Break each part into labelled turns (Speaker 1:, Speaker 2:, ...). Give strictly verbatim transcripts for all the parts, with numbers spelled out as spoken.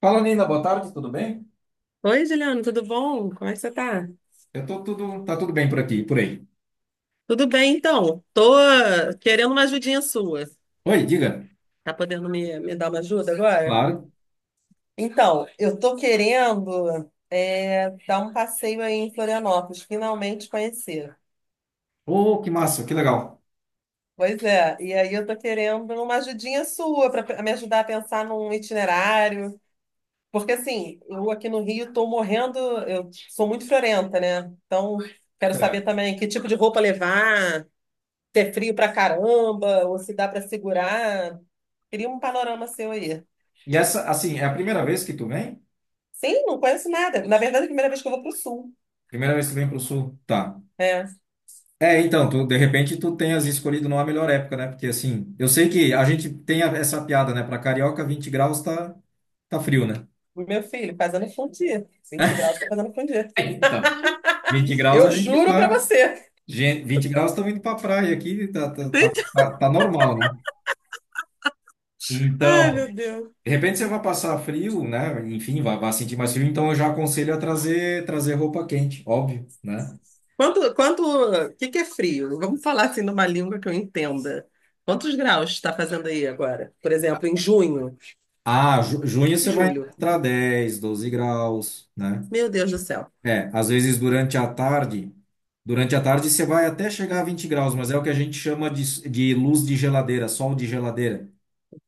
Speaker 1: Fala, Nina, boa tarde, tudo bem?
Speaker 2: Oi, Juliana, tudo bom? Como é que você tá?
Speaker 1: Eu tô tudo, tá tudo bem por aqui, por aí.
Speaker 2: Tudo bem, então. Tô eh, querendo uma ajudinha sua.
Speaker 1: Oi, diga.
Speaker 2: Tá podendo me, me dar uma ajuda agora?
Speaker 1: Claro.
Speaker 2: Então, eu tô querendo é, dar um passeio aí em Florianópolis, finalmente conhecer.
Speaker 1: Oh, que massa, que legal.
Speaker 2: Pois é, e aí eu tô querendo uma ajudinha sua para me ajudar a pensar num itinerário. Porque assim, eu aqui no Rio tô morrendo, eu sou muito friorenta, né? Então, quero saber
Speaker 1: Certo.
Speaker 2: também que tipo de roupa levar, se é frio pra caramba, ou se dá pra segurar. Queria um panorama seu aí.
Speaker 1: E essa, assim, é a primeira vez que tu vem?
Speaker 2: Sim, não conheço nada. Na verdade, é a primeira vez que eu vou pro sul,
Speaker 1: Primeira vez que tu vem pro sul? Tá.
Speaker 2: né?
Speaker 1: É, então, tu, de repente tu tenhas escolhido não a melhor época, né? Porque assim, eu sei que a gente tem a- essa piada, né? Pra carioca, vinte graus tá, tá frio, né?
Speaker 2: O meu filho, fazendo fundir. Vinte graus, tô fazendo fundir.
Speaker 1: É, então, vinte graus
Speaker 2: Eu
Speaker 1: a gente
Speaker 2: juro pra
Speaker 1: tá.
Speaker 2: você.
Speaker 1: gen- 20 graus estamos indo pra praia aqui, tá, tá,
Speaker 2: Entende?
Speaker 1: tá, tá- tá normal, né?
Speaker 2: Ai,
Speaker 1: Então,
Speaker 2: meu Deus.
Speaker 1: de repente você vai passar frio, né? Enfim, vai, vai sentir mais frio, então eu já aconselho a trazer, trazer roupa quente, óbvio, né?
Speaker 2: Quanto, quanto, o que que é frio? Vamos falar assim numa língua que eu entenda. Quantos graus está fazendo aí agora? Por exemplo, em junho,
Speaker 1: Ah, ju- junho
Speaker 2: em
Speaker 1: você vai
Speaker 2: julho.
Speaker 1: encontrar dez, doze graus, né?
Speaker 2: Meu Deus do céu.
Speaker 1: É, às vezes durante a tarde, durante a tarde você vai até chegar a vinte graus, mas é o que a gente chama de, de luz de geladeira, sol de geladeira.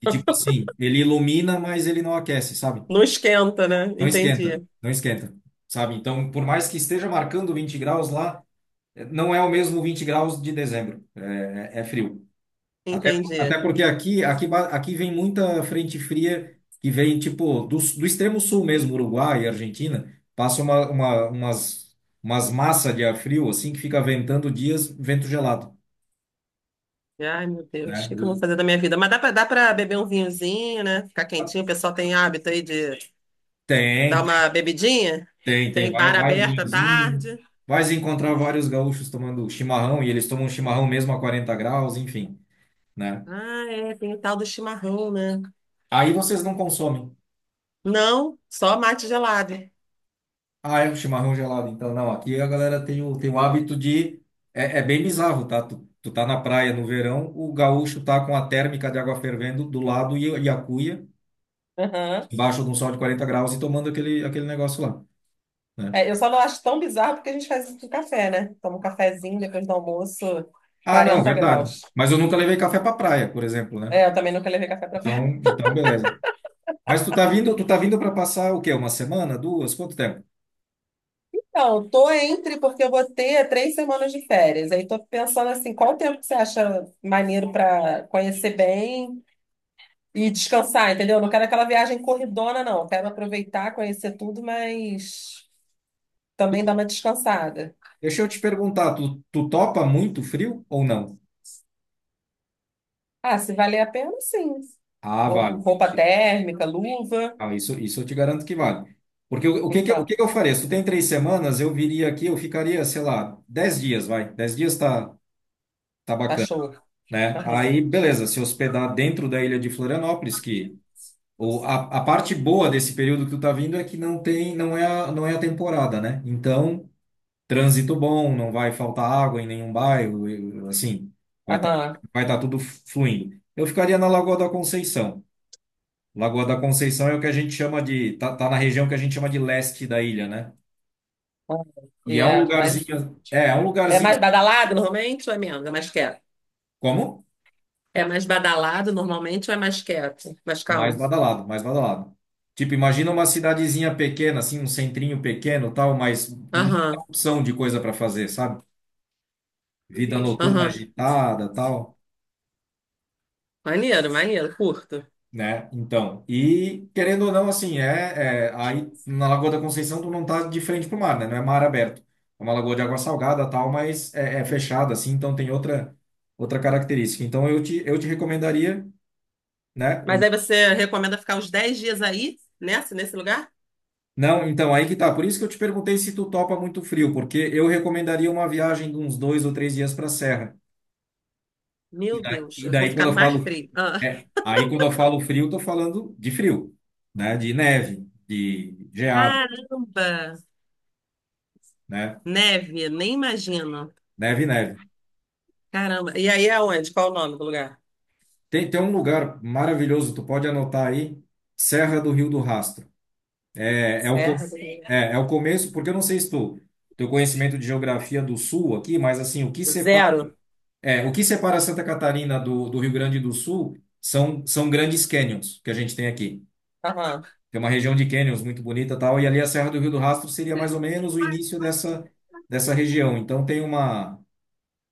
Speaker 1: E tipo assim, ele ilumina, mas ele não aquece, sabe?
Speaker 2: Não esquenta, né?
Speaker 1: Não
Speaker 2: Entendi,
Speaker 1: esquenta, não esquenta, sabe? Então, por mais que esteja marcando vinte graus lá, não é o mesmo vinte graus de dezembro, é, é frio. Até,
Speaker 2: entendi.
Speaker 1: até porque aqui, aqui, ba- aqui vem muita frente fria que vem, tipo, do, do extremo sul mesmo, Uruguai e Argentina, passa uma, uma- umas, umas massas de ar frio, assim, que fica ventando dias, vento gelado,
Speaker 2: Ai, meu Deus, o
Speaker 1: né?
Speaker 2: que que eu vou
Speaker 1: O-
Speaker 2: fazer da minha vida? Mas dá pra, dá pra beber um vinhozinho, né? Ficar quentinho. O pessoal tem hábito aí de
Speaker 1: tem,
Speaker 2: dar
Speaker 1: tem,
Speaker 2: uma bebidinha.
Speaker 1: tem, tem.
Speaker 2: Tem
Speaker 1: Vai,
Speaker 2: bar
Speaker 1: vai um
Speaker 2: aberto à
Speaker 1: vinhozinho,
Speaker 2: tarde.
Speaker 1: vai se encontrar vários gaúchos tomando chimarrão, e eles tomam chimarrão mesmo a quarenta graus, enfim, né?
Speaker 2: Ah, é, tem o tal do chimarrão, né?
Speaker 1: Aí vocês não consomem.
Speaker 2: Não, só mate gelado.
Speaker 1: Ah, é um chimarrão gelado. Então, não, aqui a galera tem o, tem o hábito de. É, é bem bizarro, tá? Tu, tu tá na praia no verão, o gaúcho tá com a térmica de água fervendo do lado e, e a cuia,
Speaker 2: Aham.
Speaker 1: embaixo de um sol de quarenta graus e tomando aquele, aquele negócio lá, né?
Speaker 2: É, eu só não acho tão bizarro porque a gente faz isso com café, né? Toma um cafezinho depois do almoço,
Speaker 1: Ah, não,
Speaker 2: quarenta
Speaker 1: verdade.
Speaker 2: graus.
Speaker 1: Mas eu nunca levei café pra praia, por exemplo, né?
Speaker 2: É, eu também nunca levei café pra
Speaker 1: Então, então beleza. Mas tu tá vindo, tu tá vindo para passar o quê? Uma semana, duas? Quanto tempo?
Speaker 2: Não, tô entre porque eu vou ter três semanas de férias. Aí tô pensando assim, qual o tempo que você acha maneiro para conhecer bem e descansar, entendeu? Não quero aquela viagem corridona, não. Quero aproveitar, conhecer tudo, mas também dar uma descansada.
Speaker 1: Deixa eu te perguntar, tu, tu topa muito frio ou não?
Speaker 2: Ah, se valer a pena, sim.
Speaker 1: Ah,
Speaker 2: Vou com
Speaker 1: vale.
Speaker 2: roupa térmica, luva.
Speaker 1: Ah, isso, isso eu te garanto que vale. Porque o, o que que, eu- o
Speaker 2: Então,
Speaker 1: que que eu faria? Se tu tem três semanas, eu viria aqui, eu ficaria, sei lá, dez dias, vai. Dez dias tá, tá
Speaker 2: tá
Speaker 1: bacana,
Speaker 2: show.
Speaker 1: né?
Speaker 2: Aham,
Speaker 1: Aí, beleza, se hospedar dentro da ilha de Florianópolis, que o, a, a parte boa desse período que tu tá vindo é que não tem, não é, a- não é a temporada, né? Então, trânsito bom, não vai faltar água em nenhum bairro, e- assim, vai tá,
Speaker 2: aham.
Speaker 1: vai tá tudo fluindo. Eu ficaria na Lagoa da Conceição. Lagoa da Conceição é o que a gente chama de. Tá, tá na região que a gente chama de leste da ilha, né?
Speaker 2: Aham.
Speaker 1: E
Speaker 2: E
Speaker 1: é um Ah,
Speaker 2: é mais,
Speaker 1: lugarzinho. É, é um
Speaker 2: é
Speaker 1: lugarzinho.
Speaker 2: mais badalado normalmente ou é menos? É mais quieto.
Speaker 1: Como?
Speaker 2: É mais badalado normalmente ou é mais quieto? Mais
Speaker 1: É mais
Speaker 2: calmo?
Speaker 1: badalado, mais badalado. Tipo, imagina uma cidadezinha pequena, assim, um centrinho pequeno, tal, mas muita
Speaker 2: Aham,
Speaker 1: opção de coisa para fazer, sabe? Vida noturna
Speaker 2: aham.
Speaker 1: agitada, tal.
Speaker 2: Maneiro, maneiro, curto.
Speaker 1: Né? Então, e querendo ou não, assim, é, é- aí na Lagoa da Conceição tu não tá de frente pro mar, né? Não é mar aberto. É uma lagoa de água salgada, tal, mas é, é fechada, assim, então tem outra outra característica. Então eu te eu te recomendaria, né?
Speaker 2: Mas
Speaker 1: um-
Speaker 2: aí você recomenda ficar uns dez dias aí, nessa, nesse lugar?
Speaker 1: Não, então aí que tá. Por isso que eu te perguntei se tu topa muito frio, porque eu recomendaria uma viagem de uns dois ou três dias para a serra. E
Speaker 2: Meu
Speaker 1: daí,
Speaker 2: Deus,
Speaker 1: e
Speaker 2: eu vou
Speaker 1: daí
Speaker 2: ficar
Speaker 1: quando eu
Speaker 2: mais
Speaker 1: falo,
Speaker 2: frio. Ah,
Speaker 1: é, aí quando eu falo frio, tô falando de frio, né? De neve, de geado,
Speaker 2: Caramba!
Speaker 1: né?
Speaker 2: Neve, nem imagino.
Speaker 1: Neve, neve.
Speaker 2: Caramba. E aí é onde? Qual o nome do lugar?
Speaker 1: Tem, tem um lugar maravilhoso, tu pode anotar aí, Serra do Rio do Rastro. É, é o,
Speaker 2: Serra?
Speaker 1: co- é, é o começo, porque eu não sei se tu, teu conhecimento de geografia do Sul aqui, mas assim, o que
Speaker 2: Do-
Speaker 1: separa,
Speaker 2: Zero?
Speaker 1: é, o que separa Santa Catarina do, do Rio Grande do Sul são, são grandes canyons que a gente tem aqui.
Speaker 2: Aham.
Speaker 1: Tem uma região de canyons muito bonita e tal, e ali a Serra do Rio do Rastro seria mais ou menos o início dessa, dessa região. Então tem uma,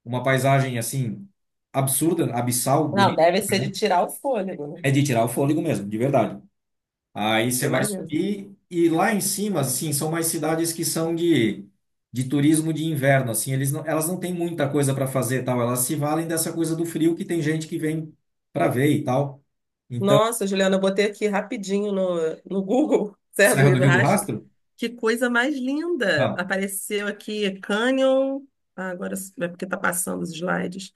Speaker 1: uma paisagem assim, absurda, abissal,
Speaker 2: Não,
Speaker 1: bonita.
Speaker 2: deve ser de
Speaker 1: Né?
Speaker 2: tirar o fôlego, né?
Speaker 1: É de tirar o fôlego mesmo, de verdade. Aí você vai
Speaker 2: Imagino.
Speaker 1: subir e lá em cima, assim, são mais cidades que são de, de turismo de inverno, assim, eles não, elas não têm muita coisa para fazer, e tal, elas se valem dessa coisa do frio que tem gente que vem para ver e tal. Então,
Speaker 2: Nossa, Juliana, eu botei aqui rapidinho no, no Google, Serra do
Speaker 1: Serra do
Speaker 2: Rio do
Speaker 1: Rio do Rastro,
Speaker 2: Que coisa mais linda!
Speaker 1: ah,
Speaker 2: Apareceu aqui Canyon. Ah, agora s- é porque tá passando os slides.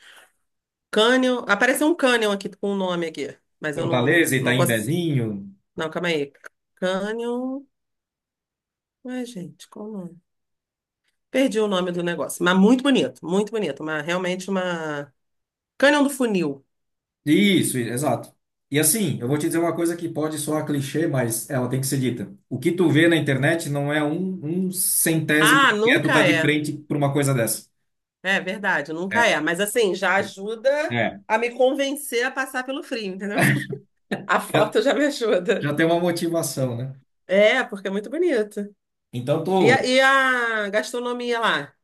Speaker 2: Canyon. Apareceu um Canyon aqui com o um nome aqui, mas eu não,
Speaker 1: Fortaleza,
Speaker 2: não
Speaker 1: Itaim
Speaker 2: consigo.
Speaker 1: Bezinho,
Speaker 2: Não, calma aí. Canyon. Ué, gente, qual o nome? Perdi o nome do negócio, mas muito bonito, muito bonito. Uma, realmente uma. Canyon do Funil.
Speaker 1: isso, exato. E assim, eu vou te dizer uma coisa que pode soar clichê, mas ela tem que ser dita. O que tu vê na internet não é um, um centésimo
Speaker 2: Ah,
Speaker 1: que é tu
Speaker 2: nunca
Speaker 1: tá de
Speaker 2: é.
Speaker 1: frente para uma coisa dessa.
Speaker 2: É verdade,
Speaker 1: É,
Speaker 2: nunca é. Mas assim, já
Speaker 1: é.
Speaker 2: ajuda a me convencer a passar pelo frio, entendeu? A
Speaker 1: É.
Speaker 2: foto já me ajuda.
Speaker 1: Já tem uma motivação, né?
Speaker 2: É, porque é muito bonito.
Speaker 1: Então,
Speaker 2: E a,
Speaker 1: tô.
Speaker 2: e a gastronomia lá?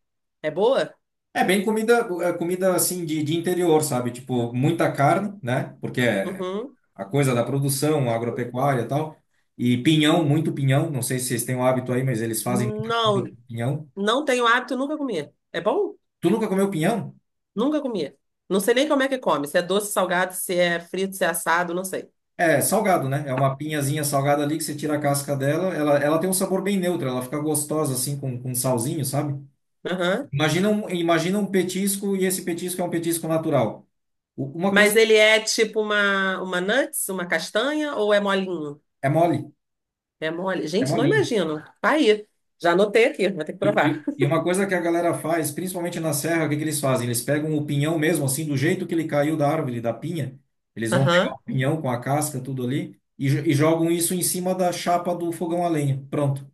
Speaker 2: É boa?
Speaker 1: É bem comida, é comida assim de, de interior, sabe? Tipo, muita carne, né? Porque é
Speaker 2: Uhum.
Speaker 1: a coisa da produção, agropecuária e tal. E pinhão, muito pinhão. Não sei se vocês têm o hábito aí, mas eles fazem muita
Speaker 2: Não,
Speaker 1: comida com pinhão.
Speaker 2: não tenho hábito, nunca comi. É bom?
Speaker 1: Tu nunca comeu pinhão?
Speaker 2: Nunca comi. Não sei nem como é que come. Se é doce, salgado, se é frito, se é assado, não sei.
Speaker 1: É salgado, né? É uma pinhazinha salgada ali que você tira a casca dela. Ela, ela tem um sabor bem neutro, ela fica gostosa assim com, com salzinho, sabe?
Speaker 2: Aham.
Speaker 1: Imagina um, imagina um petisco e esse petisco é um petisco natural. U- Uma coisa
Speaker 2: Mas ele é tipo uma, uma nuts, uma castanha ou é molinho?
Speaker 1: é mole,
Speaker 2: É mole.
Speaker 1: é
Speaker 2: Gente, não
Speaker 1: molinho.
Speaker 2: imagino. Tá aí. Já anotei aqui, vou ter que
Speaker 1: E,
Speaker 2: provar.
Speaker 1: e- e uma coisa que a galera faz, principalmente na serra, o que que eles fazem? Eles pegam o pinhão mesmo, assim, do jeito que ele caiu da árvore, da pinha. Eles vão pegar
Speaker 2: Aham.
Speaker 1: o pinhão com a casca, tudo ali, e, jo- e jogam isso em cima da chapa do fogão a lenha. Pronto.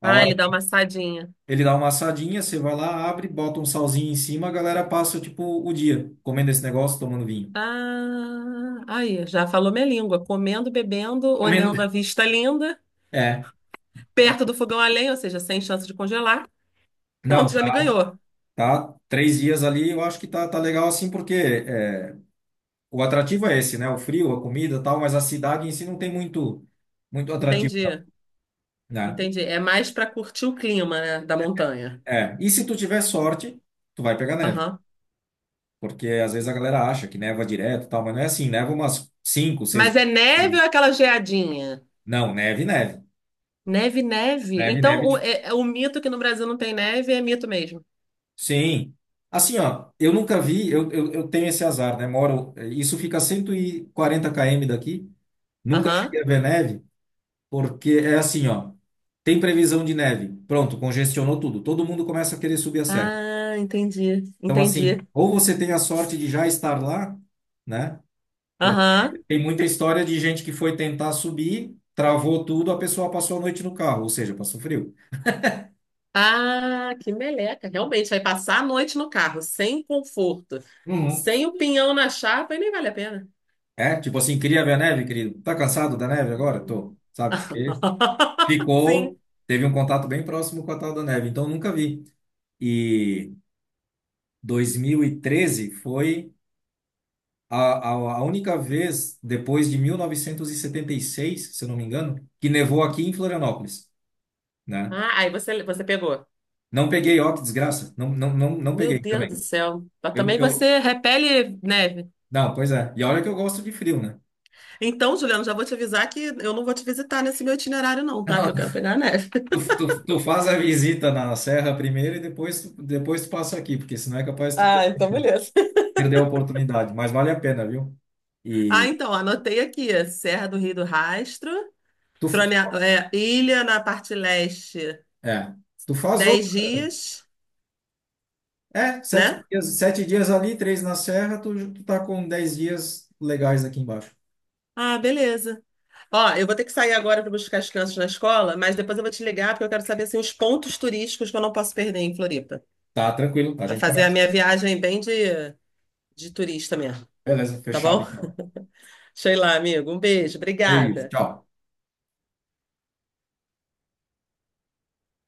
Speaker 1: A
Speaker 2: Ah,
Speaker 1: hora
Speaker 2: ele dá
Speaker 1: que
Speaker 2: uma assadinha.
Speaker 1: ele dá uma assadinha, você vai lá, abre, bota um salzinho em cima, a galera passa, tipo, o dia comendo esse negócio, tomando vinho.
Speaker 2: Ah, aí, já falou minha língua. Comendo, bebendo,
Speaker 1: Comendo.
Speaker 2: olhando a vista linda.
Speaker 1: É.
Speaker 2: Perto do fogão a lenha, ou seja, sem chance de congelar.
Speaker 1: Não,
Speaker 2: Pronto, já me
Speaker 1: tá,
Speaker 2: ganhou.
Speaker 1: tá três dias ali, eu acho que tá, tá legal assim, porque é, o atrativo é esse, né? O frio, a comida, e tal, mas a cidade em si não tem muito muito atrativo, não,
Speaker 2: Entendi,
Speaker 1: né?
Speaker 2: entendi. É mais para curtir o clima, né, da montanha.
Speaker 1: É. E se tu tiver sorte, tu vai pegar neve,
Speaker 2: Aham.
Speaker 1: porque às vezes a galera acha que neva direto, e tal, mas não é assim, neva umas cinco, seis
Speaker 2: Mas é
Speaker 1: vezes.
Speaker 2: neve ou é aquela geadinha?
Speaker 1: Não, neve, neve.
Speaker 2: Neve, neve.
Speaker 1: Neve,
Speaker 2: Então,
Speaker 1: neve.
Speaker 2: o,
Speaker 1: de-
Speaker 2: é- é o mito que no Brasil não tem neve é mito mesmo.
Speaker 1: Sim. Assim, ó, eu nunca vi, eu, eu, eu tenho esse azar, né? Moro, isso fica a cento e quarenta quilômetros daqui, nunca
Speaker 2: Aham.
Speaker 1: cheguei a ver neve, porque é assim, ó, tem previsão de neve. Pronto, congestionou tudo. Todo mundo começa a querer subir a serra.
Speaker 2: Ah, entendi,
Speaker 1: Então, assim,
Speaker 2: entendi.
Speaker 1: ou você tem a sorte de já estar lá, né?
Speaker 2: Aham.
Speaker 1: Tem muita história de gente que foi tentar subir, travou tudo, a pessoa passou a noite no carro, ou seja, passou frio.
Speaker 2: Ah, que meleca. Realmente, vai passar a noite no carro, sem conforto,
Speaker 1: Uhum.
Speaker 2: sem o pinhão na chapa, e nem vale a pena.
Speaker 1: É, tipo assim, queria ver a neve, querido. Tá cansado da neve agora? Tô,
Speaker 2: Uhum.
Speaker 1: sabe? Porque
Speaker 2: Sim.
Speaker 1: ficou, teve um contato bem próximo com a tal da neve, então nunca vi. E dois mil e treze foi a, a, a única vez depois de mil novecentos e e setenta e seis, se eu não me engano, que nevou aqui em Florianópolis, né?
Speaker 2: Ah, aí você, você pegou.
Speaker 1: Não peguei, ó, que desgraça. Não, não, não, não
Speaker 2: Meu
Speaker 1: peguei
Speaker 2: Deus
Speaker 1: também.
Speaker 2: do céu. Mas
Speaker 1: Eu,
Speaker 2: também
Speaker 1: eu,
Speaker 2: você repele neve.
Speaker 1: não, pois é. E olha que eu gosto de frio, né?
Speaker 2: Então, Juliano, já vou te avisar que eu não vou te visitar nesse meu itinerário, não, tá? Que eu quero pegar a neve.
Speaker 1: Tu, tu, tu faz a visita na serra primeiro e depois tu, depois tu passa aqui, porque senão é capaz de tu per-
Speaker 2: Ah, então beleza.
Speaker 1: perder a oportunidade. Mas vale a pena, viu?
Speaker 2: Ah,
Speaker 1: E
Speaker 2: então, anotei aqui: Serra do Rio do Rastro,
Speaker 1: tu, f-
Speaker 2: Frone-
Speaker 1: tu-
Speaker 2: é, Ilha na parte leste,
Speaker 1: é, tu faz
Speaker 2: dez
Speaker 1: outro.
Speaker 2: dias,
Speaker 1: É, sete
Speaker 2: né?
Speaker 1: dias, sete dias ali, três na serra, tu, tu tá com dez dias legais aqui embaixo.
Speaker 2: Ah, beleza. Ó, eu vou ter que sair agora para buscar as crianças na escola, mas depois eu vou te ligar porque eu quero saber assim, os pontos turísticos que eu não posso perder em Floripa,
Speaker 1: Tá tranquilo, a
Speaker 2: para
Speaker 1: gente
Speaker 2: fazer a
Speaker 1: começa.
Speaker 2: minha viagem bem de de turista mesmo,
Speaker 1: Beleza,
Speaker 2: tá
Speaker 1: fechado
Speaker 2: bom?
Speaker 1: então.
Speaker 2: Sei lá, amigo. Um beijo,
Speaker 1: É isso,
Speaker 2: obrigada.
Speaker 1: tchau.